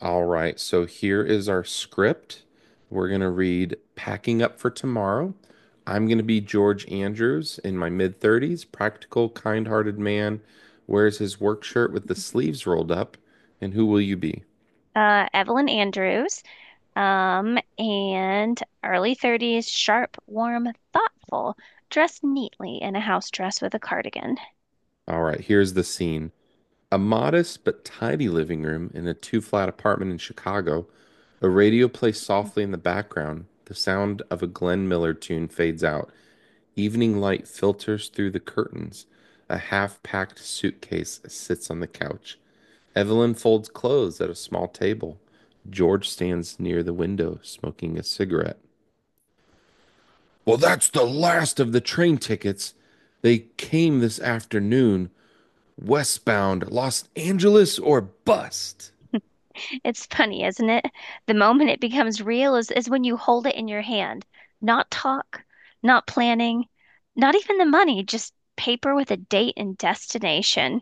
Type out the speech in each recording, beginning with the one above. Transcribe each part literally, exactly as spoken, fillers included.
All right, so here is our script. We're going to read Packing Up for Tomorrow. I'm going to be George Andrews in my mid thirties, practical, kind hearted man, wears his work shirt with the sleeves rolled up. And who will you be? uh, Evelyn Andrews, um, and early thirties, sharp, warm, thoughtful, dressed neatly in a house dress with a cardigan. All right, here's the scene a modest but tidy living room in a two flat apartment in Chicago. A radio plays softly in the background. The sound of a Glenn Miller tune fades out. Evening light filters through the curtains. A half-packed suitcase sits on the couch. Evelyn folds clothes at a small table. George stands near the window smoking a cigarette. Well, that's the last of the train tickets. They came this afternoon, westbound, Los Angeles or bust. It's funny, isn't it? The moment it becomes real is, is when you hold it in your hand. Not talk, not planning, not even the money, just paper with a date and destination.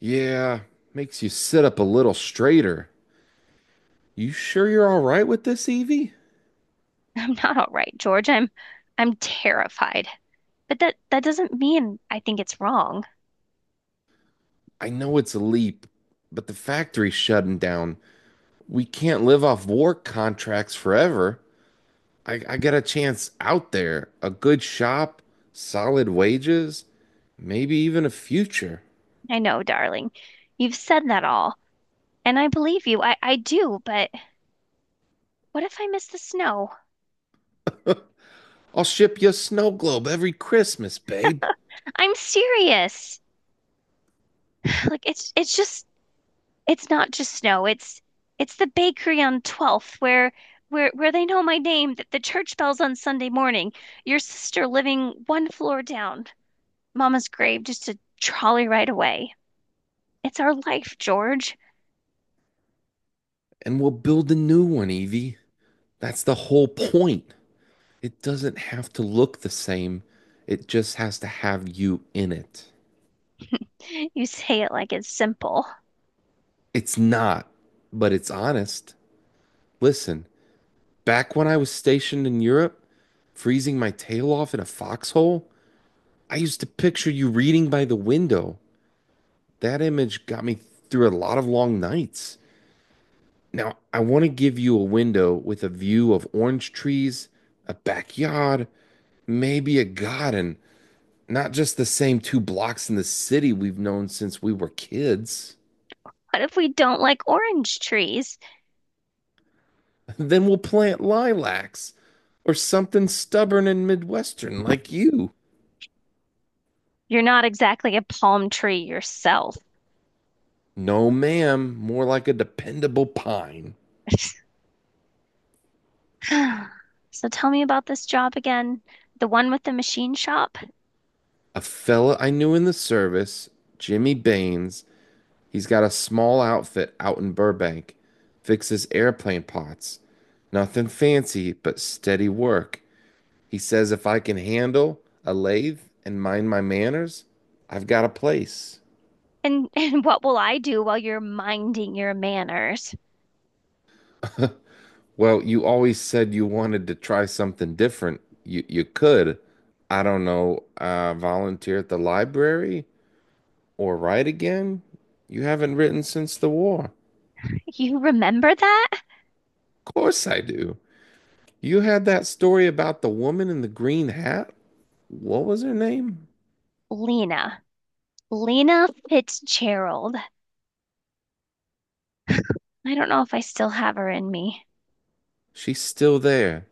Yeah, makes you sit up a little straighter. You sure you're all right with this, Evie? I'm not all right, George. I'm I'm terrified. But that that doesn't mean I think it's wrong. I know it's a leap, but the factory's shutting down. We can't live off war contracts forever. I, I get a chance out there, a good shop, solid wages, maybe even a future. I know, darling. You've said that all. And I believe you. I, I do, but what if I miss the snow? I'll ship you a snow globe every Christmas, babe, I'm serious. Like it's it's just it's not just snow. It's it's the bakery on twelfth where where where they know my name, that the church bells on Sunday morning, your sister living one floor down, Mama's grave just a trolley ride away. It's our life, George. and we'll build a new one, Evie. That's the whole point. It doesn't have to look the same, it just has to have you in it. You say it like it's simple. It's not, but it's honest. Listen, back when I was stationed in Europe, freezing my tail off in a foxhole, I used to picture you reading by the window. That image got me through a lot of long nights. Now, I want to give you a window with a view of orange trees, a backyard, maybe a garden, not just the same two blocks in the city we've known since we were kids. What if we don't like orange trees? Then we'll plant lilacs or something stubborn and Midwestern like you. You're not exactly a palm tree yourself. No, ma'am, more like a dependable pine. So tell me about this job again, the one with the machine shop, A fella I knew in the service, Jimmy Baines, he's got a small outfit out in Burbank, fixes airplane pots. Nothing fancy, but steady work. He says if I can handle a lathe and mind my manners, I've got a place. and and what will I do while you're minding your manners? Well, you always said you wanted to try something different. You you could, I don't know, uh, volunteer at the library or write again. You haven't written since the war. You remember that? Of course I do. You had that story about the woman in the green hat? What was her name? Lena. Lena Fitzgerald. I don't know if I still have her in me. She's still there.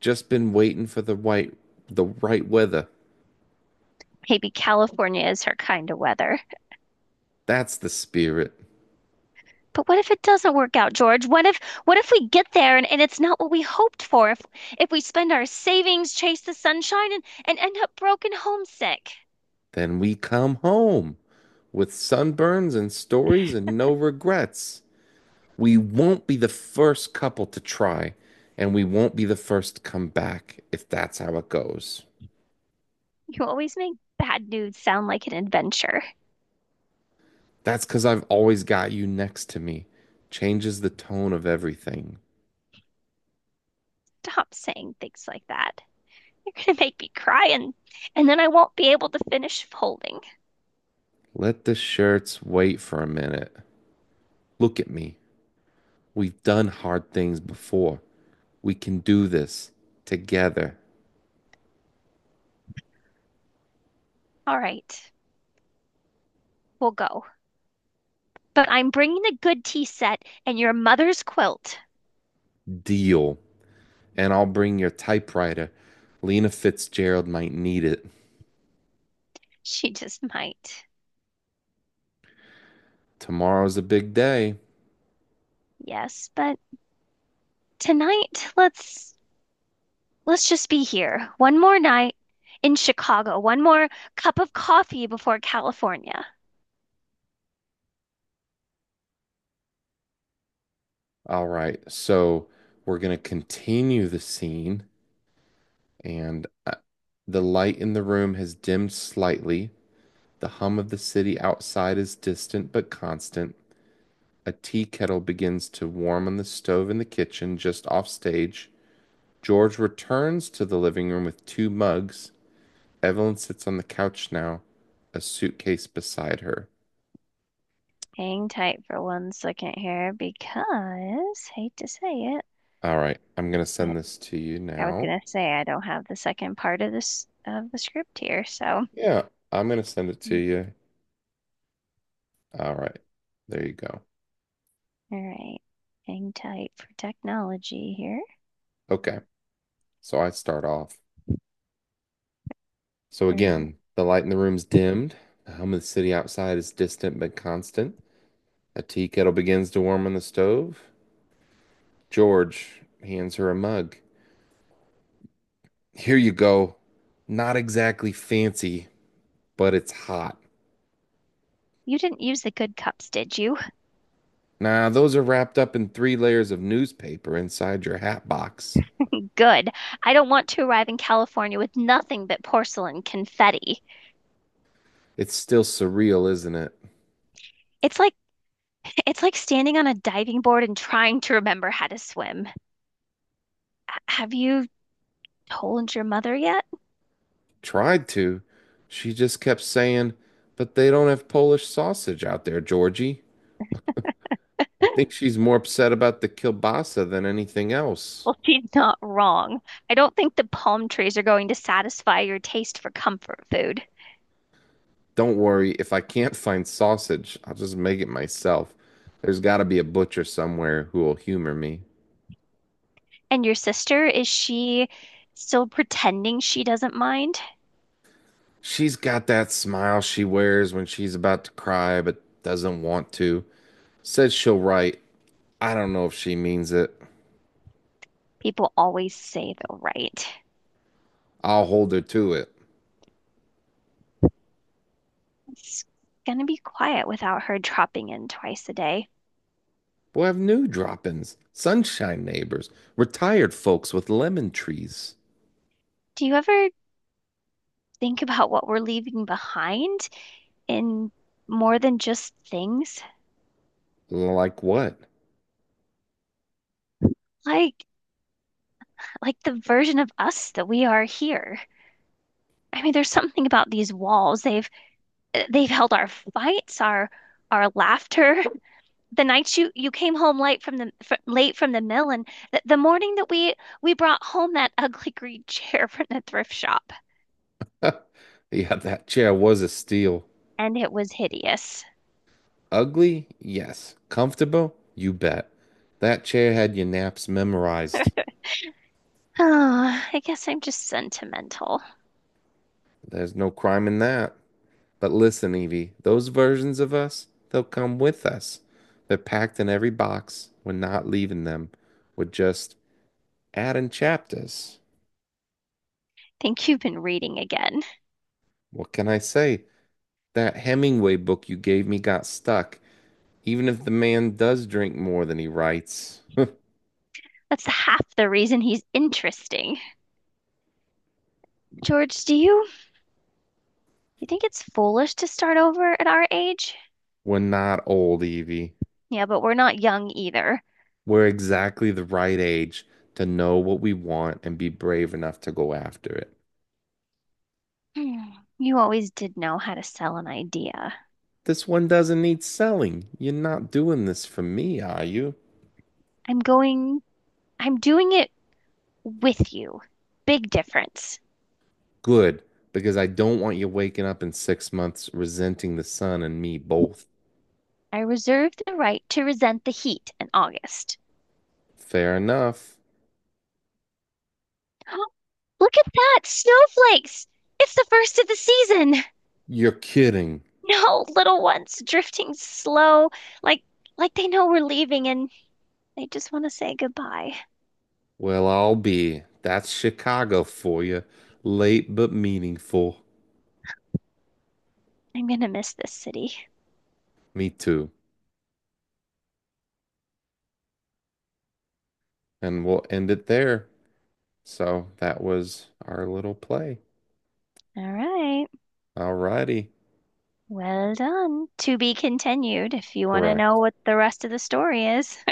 Just been waiting for the white the right weather. Maybe California is her kind of weather. That's the spirit. But what if it doesn't work out, George? What if what if we get there and, and it's not what we hoped for? If if we spend our savings, chase the sunshine, and, and end up broken homesick. Then we come home with sunburns and stories and no regrets. We won't be the first couple to try, and we won't be the first to come back if that's how it goes. You always make bad news sound like an adventure. That's because I've always got you next to me. Changes the tone of everything. Stop saying things like that. You're gonna make me cry and and then I won't be able to finish folding. Let the shirts wait for a minute. Look at me. We've done hard things before. We can do this together. All right, we'll go. But I'm bringing a good tea set and your mother's quilt. Deal. And I'll bring your typewriter. Lena Fitzgerald might need it. She just might. Tomorrow's a big day. Yes, but tonight let's let's just be here. One more night in Chicago. One more cup of coffee before California. All right. So we're going to continue the scene. And uh, The light in the room has dimmed slightly. The hum of the city outside is distant but constant. A tea kettle begins to warm on the stove in the kitchen just off stage. George returns to the living room with two mugs. Evelyn sits on the couch now, a suitcase beside her. Hang tight for one second here because hate to say it, All right, I'm gonna but send this to you I was now. gonna say I don't have the second part of this of the script here, so. Yeah, I'm gonna send it to Mm. you. All right, there you go. All right. Hang tight for technology here. Okay, so I start off. So Er, again, the light in the room's dimmed. The hum of the city outside is distant but constant. A tea kettle begins to warm on the stove. George hands her a mug. Here you go. Not exactly fancy, but it's hot. You didn't use the good cups, did you? Nah, those are wrapped up in three layers of newspaper inside your hat box. Good. I don't want to arrive in California with nothing but porcelain confetti. It's still surreal, isn't it? It's like it's like standing on a diving board and trying to remember how to swim. H- Have you told your mother yet? Tried to. She just kept saying, but they don't have Polish sausage out there, Georgie. I think she's more upset about the kielbasa than anything else. Well, she's not wrong. I don't think the palm trees are going to satisfy your taste for comfort food. Don't worry, if I can't find sausage, I'll just make it myself. There's got to be a butcher somewhere who will humor me. And your sister, is she still pretending she doesn't mind? She's got that smile she wears when she's about to cry but doesn't want to. Says she'll write, I don't know if she means it. People always say they'll write. I'll hold her to it. It's gonna be quiet without her dropping in twice a day. We'll have new drop ins, sunshine neighbors, retired folks with lemon trees. Do you ever think about what we're leaving behind in more than just things? Like what? Like like the version of us that we are here. I mean, there's something about these walls. They've they've held our fights, our our laughter, the nights you you came home late from the fr late from the mill and th the morning that we we brought home that ugly green chair from the thrift shop Yeah, that chair was a steal. and it was hideous. Ugly? Yes. Comfortable? You bet. That chair had your naps memorized. Oh, I guess I'm just sentimental. There's no crime in that. But listen, Evie, those versions of us, they'll come with us. They're packed in every box. We're not leaving them. We're just adding chapters. Think you've been reading again. What can I say? That Hemingway book you gave me got stuck. Even if the man does drink more than he writes, That's half the reason he's interesting. George, do you you think it's foolish to start over at our age? we're not old, Evie. Yeah, but we're not young either. We're exactly the right age to know what we want and be brave enough to go after it. Hmm, you always did know how to sell an idea. This one doesn't need selling. You're not doing this for me, are you? I'm going, I'm doing it with you. Big difference. Good, because I don't want you waking up in six months resenting the sun and me both. I reserve the right to resent the heat in August. Fair enough. Look at that! Snowflakes! It's the first of the season! You're kidding. No, little ones drifting slow, like like they know we're leaving and they just want to say goodbye. Well, I'll be. That's Chicago for you. Late but meaningful. I'm gonna miss this city. Me too. And we'll end it there. So that was our little play. All right. Alrighty. Well done. To be continued if you want to know Correct. what the rest of the story is.